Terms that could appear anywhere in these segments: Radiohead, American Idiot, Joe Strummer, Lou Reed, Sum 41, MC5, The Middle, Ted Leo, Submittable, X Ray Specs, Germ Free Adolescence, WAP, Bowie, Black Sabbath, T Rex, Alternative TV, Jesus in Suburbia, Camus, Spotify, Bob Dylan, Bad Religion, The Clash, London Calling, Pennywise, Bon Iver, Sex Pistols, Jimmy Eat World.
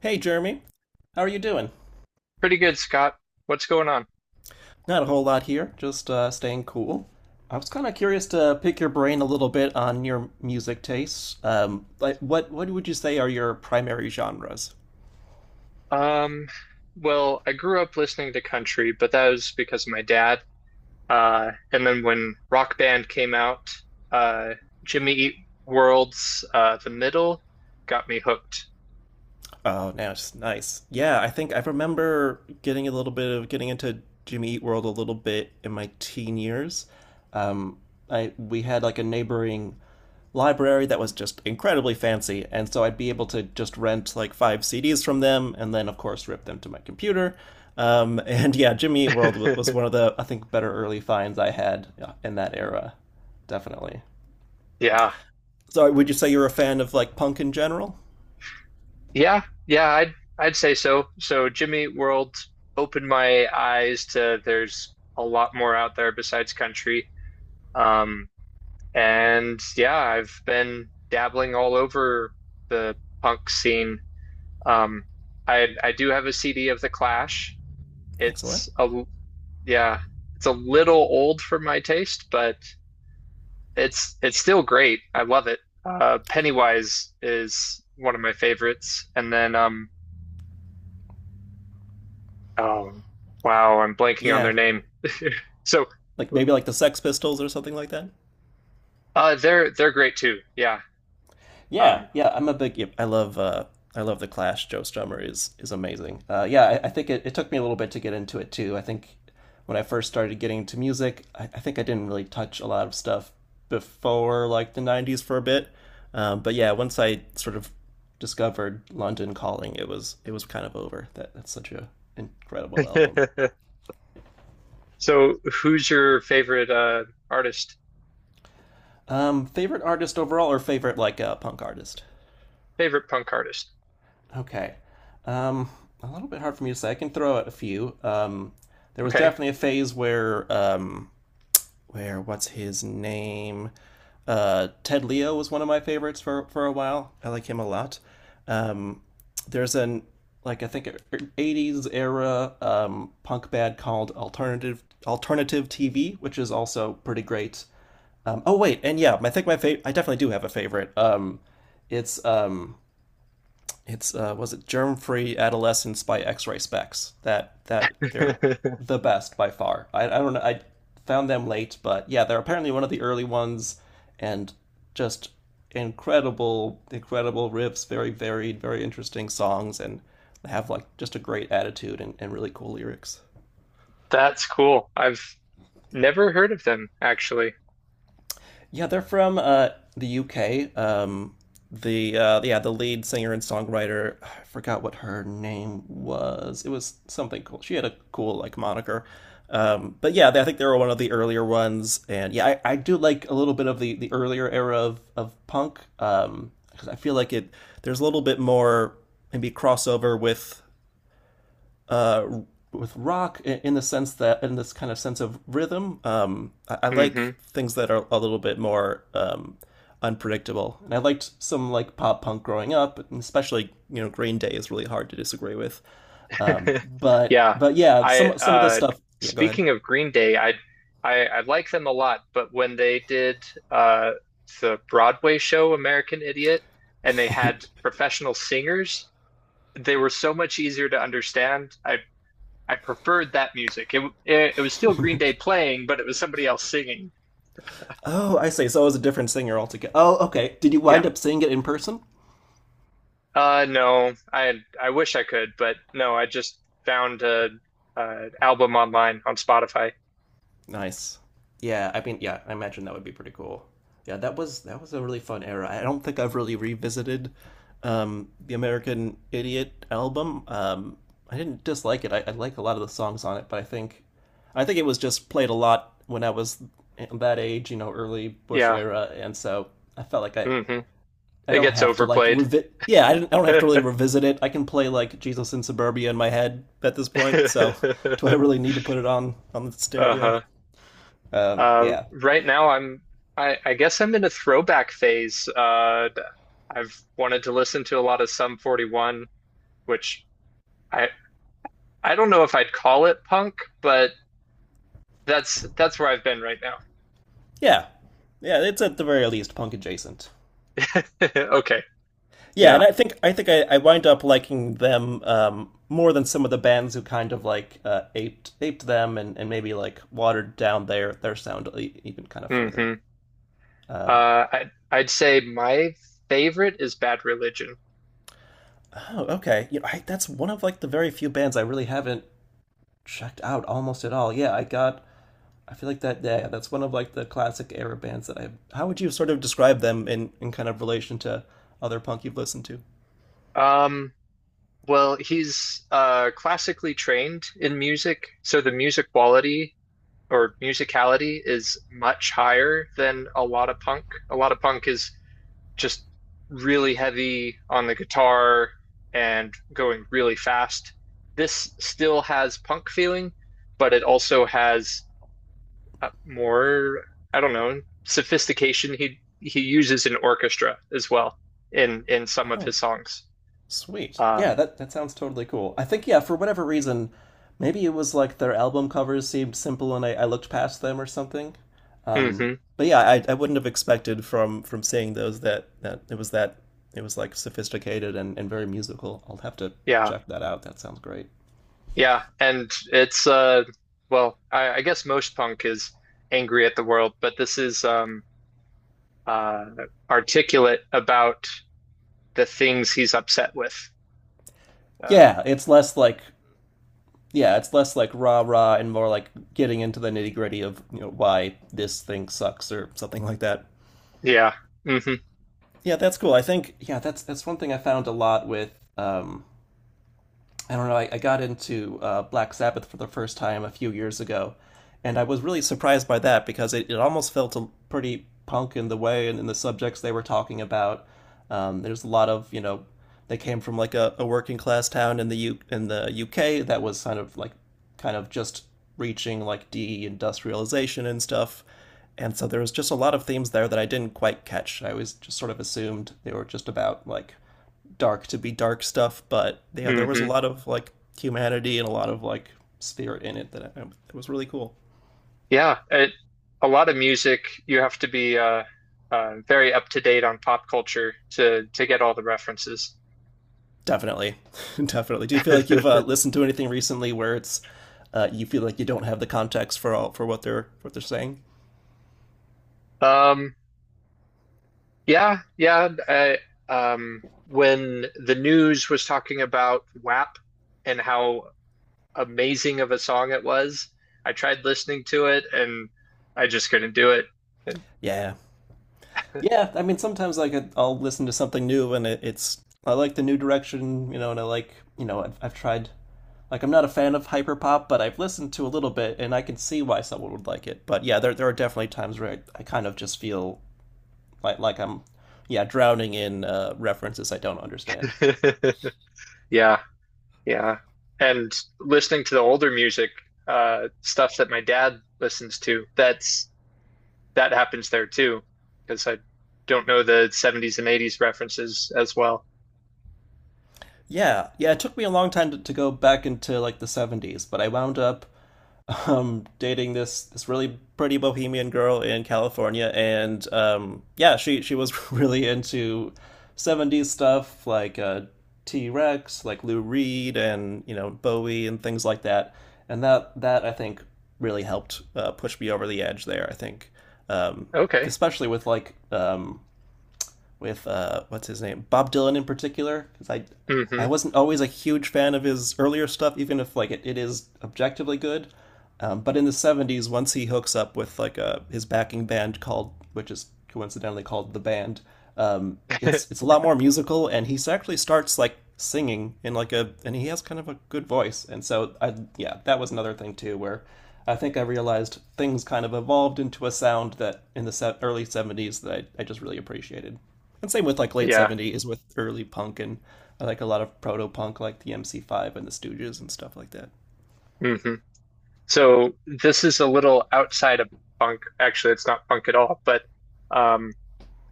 Hey, Jeremy. How are you doing? Pretty good, Scott. What's going on? Not a whole lot here, just staying cool. I was kind of curious to pick your brain a little bit on your music tastes. Like, what would you say are your primary genres? Um, well, I grew up listening to country, but that was because of my dad. And then when Rock Band came out, uh, Jimmy Eat World's The Middle got me hooked. Oh, now it's nice. Yeah, I think I remember getting a little bit of getting into Jimmy Eat World a little bit in my teen years. Um, I we had like a neighboring library that was just incredibly fancy, and so I'd be able to just rent like five CDs from them, and then of course rip them to my computer. And yeah, Jimmy Eat World was one of the I think better early finds I had, yeah, in that era, definitely. Yeah. So would you say you're a fan of like punk in general? Yeah. Yeah, I'd say so. So Jimmy Eat World opened my eyes to there's a lot more out there besides country. Um, And yeah, I've been dabbling all over the punk scene. Um, I do have a CD of The Clash. Excellent. It's a l- yeah, it's a little old for my taste, but it's still great. I love it. Pennywise is one of my favorites, and then oh wow, I'm blanking on their Yeah, name. So like maybe like the Sex Pistols or something like that. They're great too. Yeah. Yeah, Um, yeah, I'm a big. Yep, I love. I love the Clash. Joe Strummer is amazing. Yeah, I think it took me a little bit to get into it too. I think when I first started getting into music, I think I didn't really touch a lot of stuff before like the '90s for a bit. But yeah, once I sort of discovered London Calling, it was kind of over. That's such a incredible album. so who's your favorite artist? Favorite artist overall, or favorite like punk artist? Favorite punk artist. Okay. Um, a little bit hard for me to say. I can throw out a few. There was Okay. definitely a phase where what's his name? Ted Leo was one of my favorites for a while. I like him a lot. There's an like I think '80s era punk band called Alternative TV, which is also pretty great. Oh wait, and yeah, I think my favorite. I definitely do have a favorite. It's um it's Was it Germ Free Adolescence by X Ray Specs. That they're the best by far. I don't know. I found them late, but yeah, they're apparently one of the early ones, and just incredible, incredible riffs. Very varied, very interesting songs, and have like just a great attitude and really cool lyrics. That's cool. I've never heard of them actually. Yeah, they're from the UK. The yeah, the lead singer and songwriter, I forgot what her name was. It was something cool. She had a cool like moniker. But yeah, they, I think they were one of the earlier ones, and yeah, I do like a little bit of the earlier era of punk because I feel like it there's a little bit more maybe crossover with rock in, the sense that in this kind of sense of rhythm. I Hmm. like things that are a little bit more unpredictable, and I liked some like pop punk growing up, and especially you know Green Day is really hard to disagree with. But Yeah. Yeah, I some of the stuff. Yeah, go ahead. Speaking of Green Day, I like them a lot, but when they did uh the Broadway show American Idiot and they had professional singers, they were so much easier to understand. I preferred that music. It was still Green Day playing, but it was somebody else singing. Oh, I see. So it was a different singer altogether. Oh, okay. Did you Yeah. wind up seeing it in person? No, I wish I could, but no, I just found a album online on Spotify. Nice. Yeah, I mean, yeah, I imagine that would be pretty cool. Yeah, that was a really fun era. I don't think I've really revisited the American Idiot album. I didn't dislike it. I like a lot of the songs on it, but I think it was just played a lot when I was that age, you know, early Bush Yeah. era, and so I felt like Hmm. I It don't gets have to like overplayed. revi yeah, I didn't I don't have to really revisit it. I can play like Jesus in Suburbia in my head at this point, so do I really need to put it on the stereo? Uh-huh. Yeah, Right now I guess I'm in a throwback phase. I've wanted to listen to a lot of Sum 41, which I I don't know if I'd call it punk, but that's where I've been right now. yeah, yeah, it's at the very least punk adjacent. Okay. Yeah, and Yeah. I think I wind up liking them more than some of the bands who kind of like aped them and maybe like watered down their sound even kind of further. Hmm. Um, I'd say my favorite is Bad Religion. oh, okay. You know, I, that's one of like the very few bands I really haven't checked out almost at all. Yeah, I got. I feel like that. Yeah, yeah, that's one of like the classic era bands that I. How would you sort of describe them in kind of relation to other punk you've listened to? Um, well, he's classically trained in music, so the music quality or musicality is much higher than a lot of punk. A lot of punk is just really heavy on the guitar and going really fast. This still has punk feeling, but it also has more, I don't know, sophistication. He uses an orchestra as well in some of Oh, his songs. sweet. Yeah, Um, that, that sounds totally cool. I think, yeah, for whatever reason, maybe it was like their album covers seemed simple and I looked past them or something. Um, hmm. but yeah, I wouldn't have expected from seeing those that, that it was like sophisticated and very musical. I'll have to Yeah, check that out. That sounds great. yeah, and it's well, I guess most punk is angry at the world, but this is uh articulate about the things he's upset with. Uh, Yeah, it's less like yeah, it's less like rah rah and more like getting into the nitty gritty of you know why this thing sucks or something like that. yeah. Hmm. Yeah, that's cool. I think yeah, that's one thing I found a lot with um, I don't know, I got into Black Sabbath for the first time a few years ago, and I was really surprised by that because it almost felt a, pretty punk in the way and in the subjects they were talking about. There's a lot of, you know, they came from like a working class town in the UK that was kind of like kind of just reaching like de industrialization and stuff. And so there was just a lot of themes there that I didn't quite catch. I always just sort of assumed they were just about like dark to be dark stuff, but yeah, there was a Hmm. lot of like humanity and a lot of like spirit in it that I, it was really cool. Yeah, it, a lot of music, you have to be very up to date on pop culture to get all the references. Definitely, definitely. Do you feel like you've listened to anything recently where it's you feel like you don't have the context for all for what they're saying? Um, yeah, yeah. Um, when the news was talking about WAP and how amazing of a song it was, I tried listening to it and I just couldn't do Yeah, yeah, I mean, sometimes like I'll listen to something new and it, it's I like the new direction, you know, and I like, you know, I've tried like I'm not a fan of hyperpop, but I've listened to a little bit and I can see why someone would like it. But yeah, there are definitely times where I kind of just feel like I'm yeah, drowning in references I don't understand. it. Yeah, yeah. And listening to the older music, stuff that my dad listens to, that's that happens there too, because I don't know the '70s and '80s references as well. Yeah, yeah, it took me a long time to go back into like the '70s, but I wound up dating this really pretty bohemian girl in California, and yeah, she was really into '70s stuff like T Rex, like Lou Reed, and you know Bowie and things like that. And that I think really helped push me over the edge there. I think, um, Okay. especially with like with what's his name, Bob Dylan in particular, because I Hmm. wasn't always a huge fan of his earlier stuff, even if like it is objectively good. But in the '70s, once he hooks up with like a his backing band called, which is coincidentally called the band, it's it's a lot more musical, and he actually starts like singing in like a, and he has kind of a good voice, and so I yeah, that was another thing too where. I think I realized things kind of evolved into a sound that in the early '70s that I just really appreciated. And same with like late Yeah. '70s with early punk and like a lot of proto punk, like the MC5 and the Stooges and stuff like that. Hmm. So this is a little outside of punk. Actually, it's not punk at all, but um,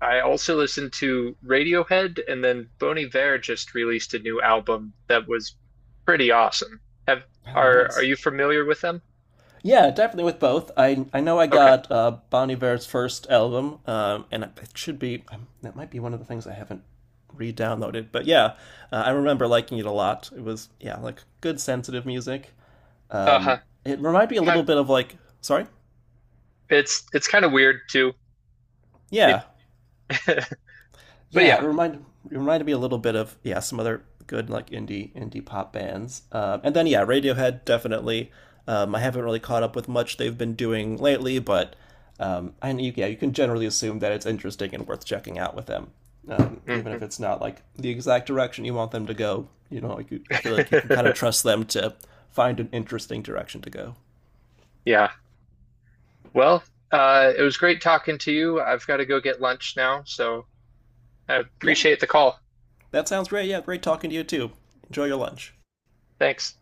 I also listened to Radiohead, and then Bon Iver just released a new album that was pretty awesome. Have Oh, are nice. you familiar with them? Yeah, definitely with both. I know I Okay. got Bon Iver's first album, and it should be that might be one of the things I haven't re-downloaded. But yeah, I remember liking it a lot. It was yeah, like good sensitive music. Uh-huh. It reminded me a little Kind bit of like sorry, It's kind of weird too. yeah, It- but yeah, yeah. It reminded me a little bit of yeah some other good like indie pop bands, and then yeah Radiohead definitely. I haven't really caught up with much they've been doing lately, but and you, yeah, you can generally assume that it's interesting and worth checking out with them, even if Hmm. it's not like the exact direction you want them to go. You know, like you, I feel like you can kind of trust them to find an interesting direction to go. Yeah. Well, it was great talking to you. I've got to go get lunch now, so I Yeah, appreciate the call. that sounds great. Yeah, great talking to you too. Enjoy your lunch. Thanks.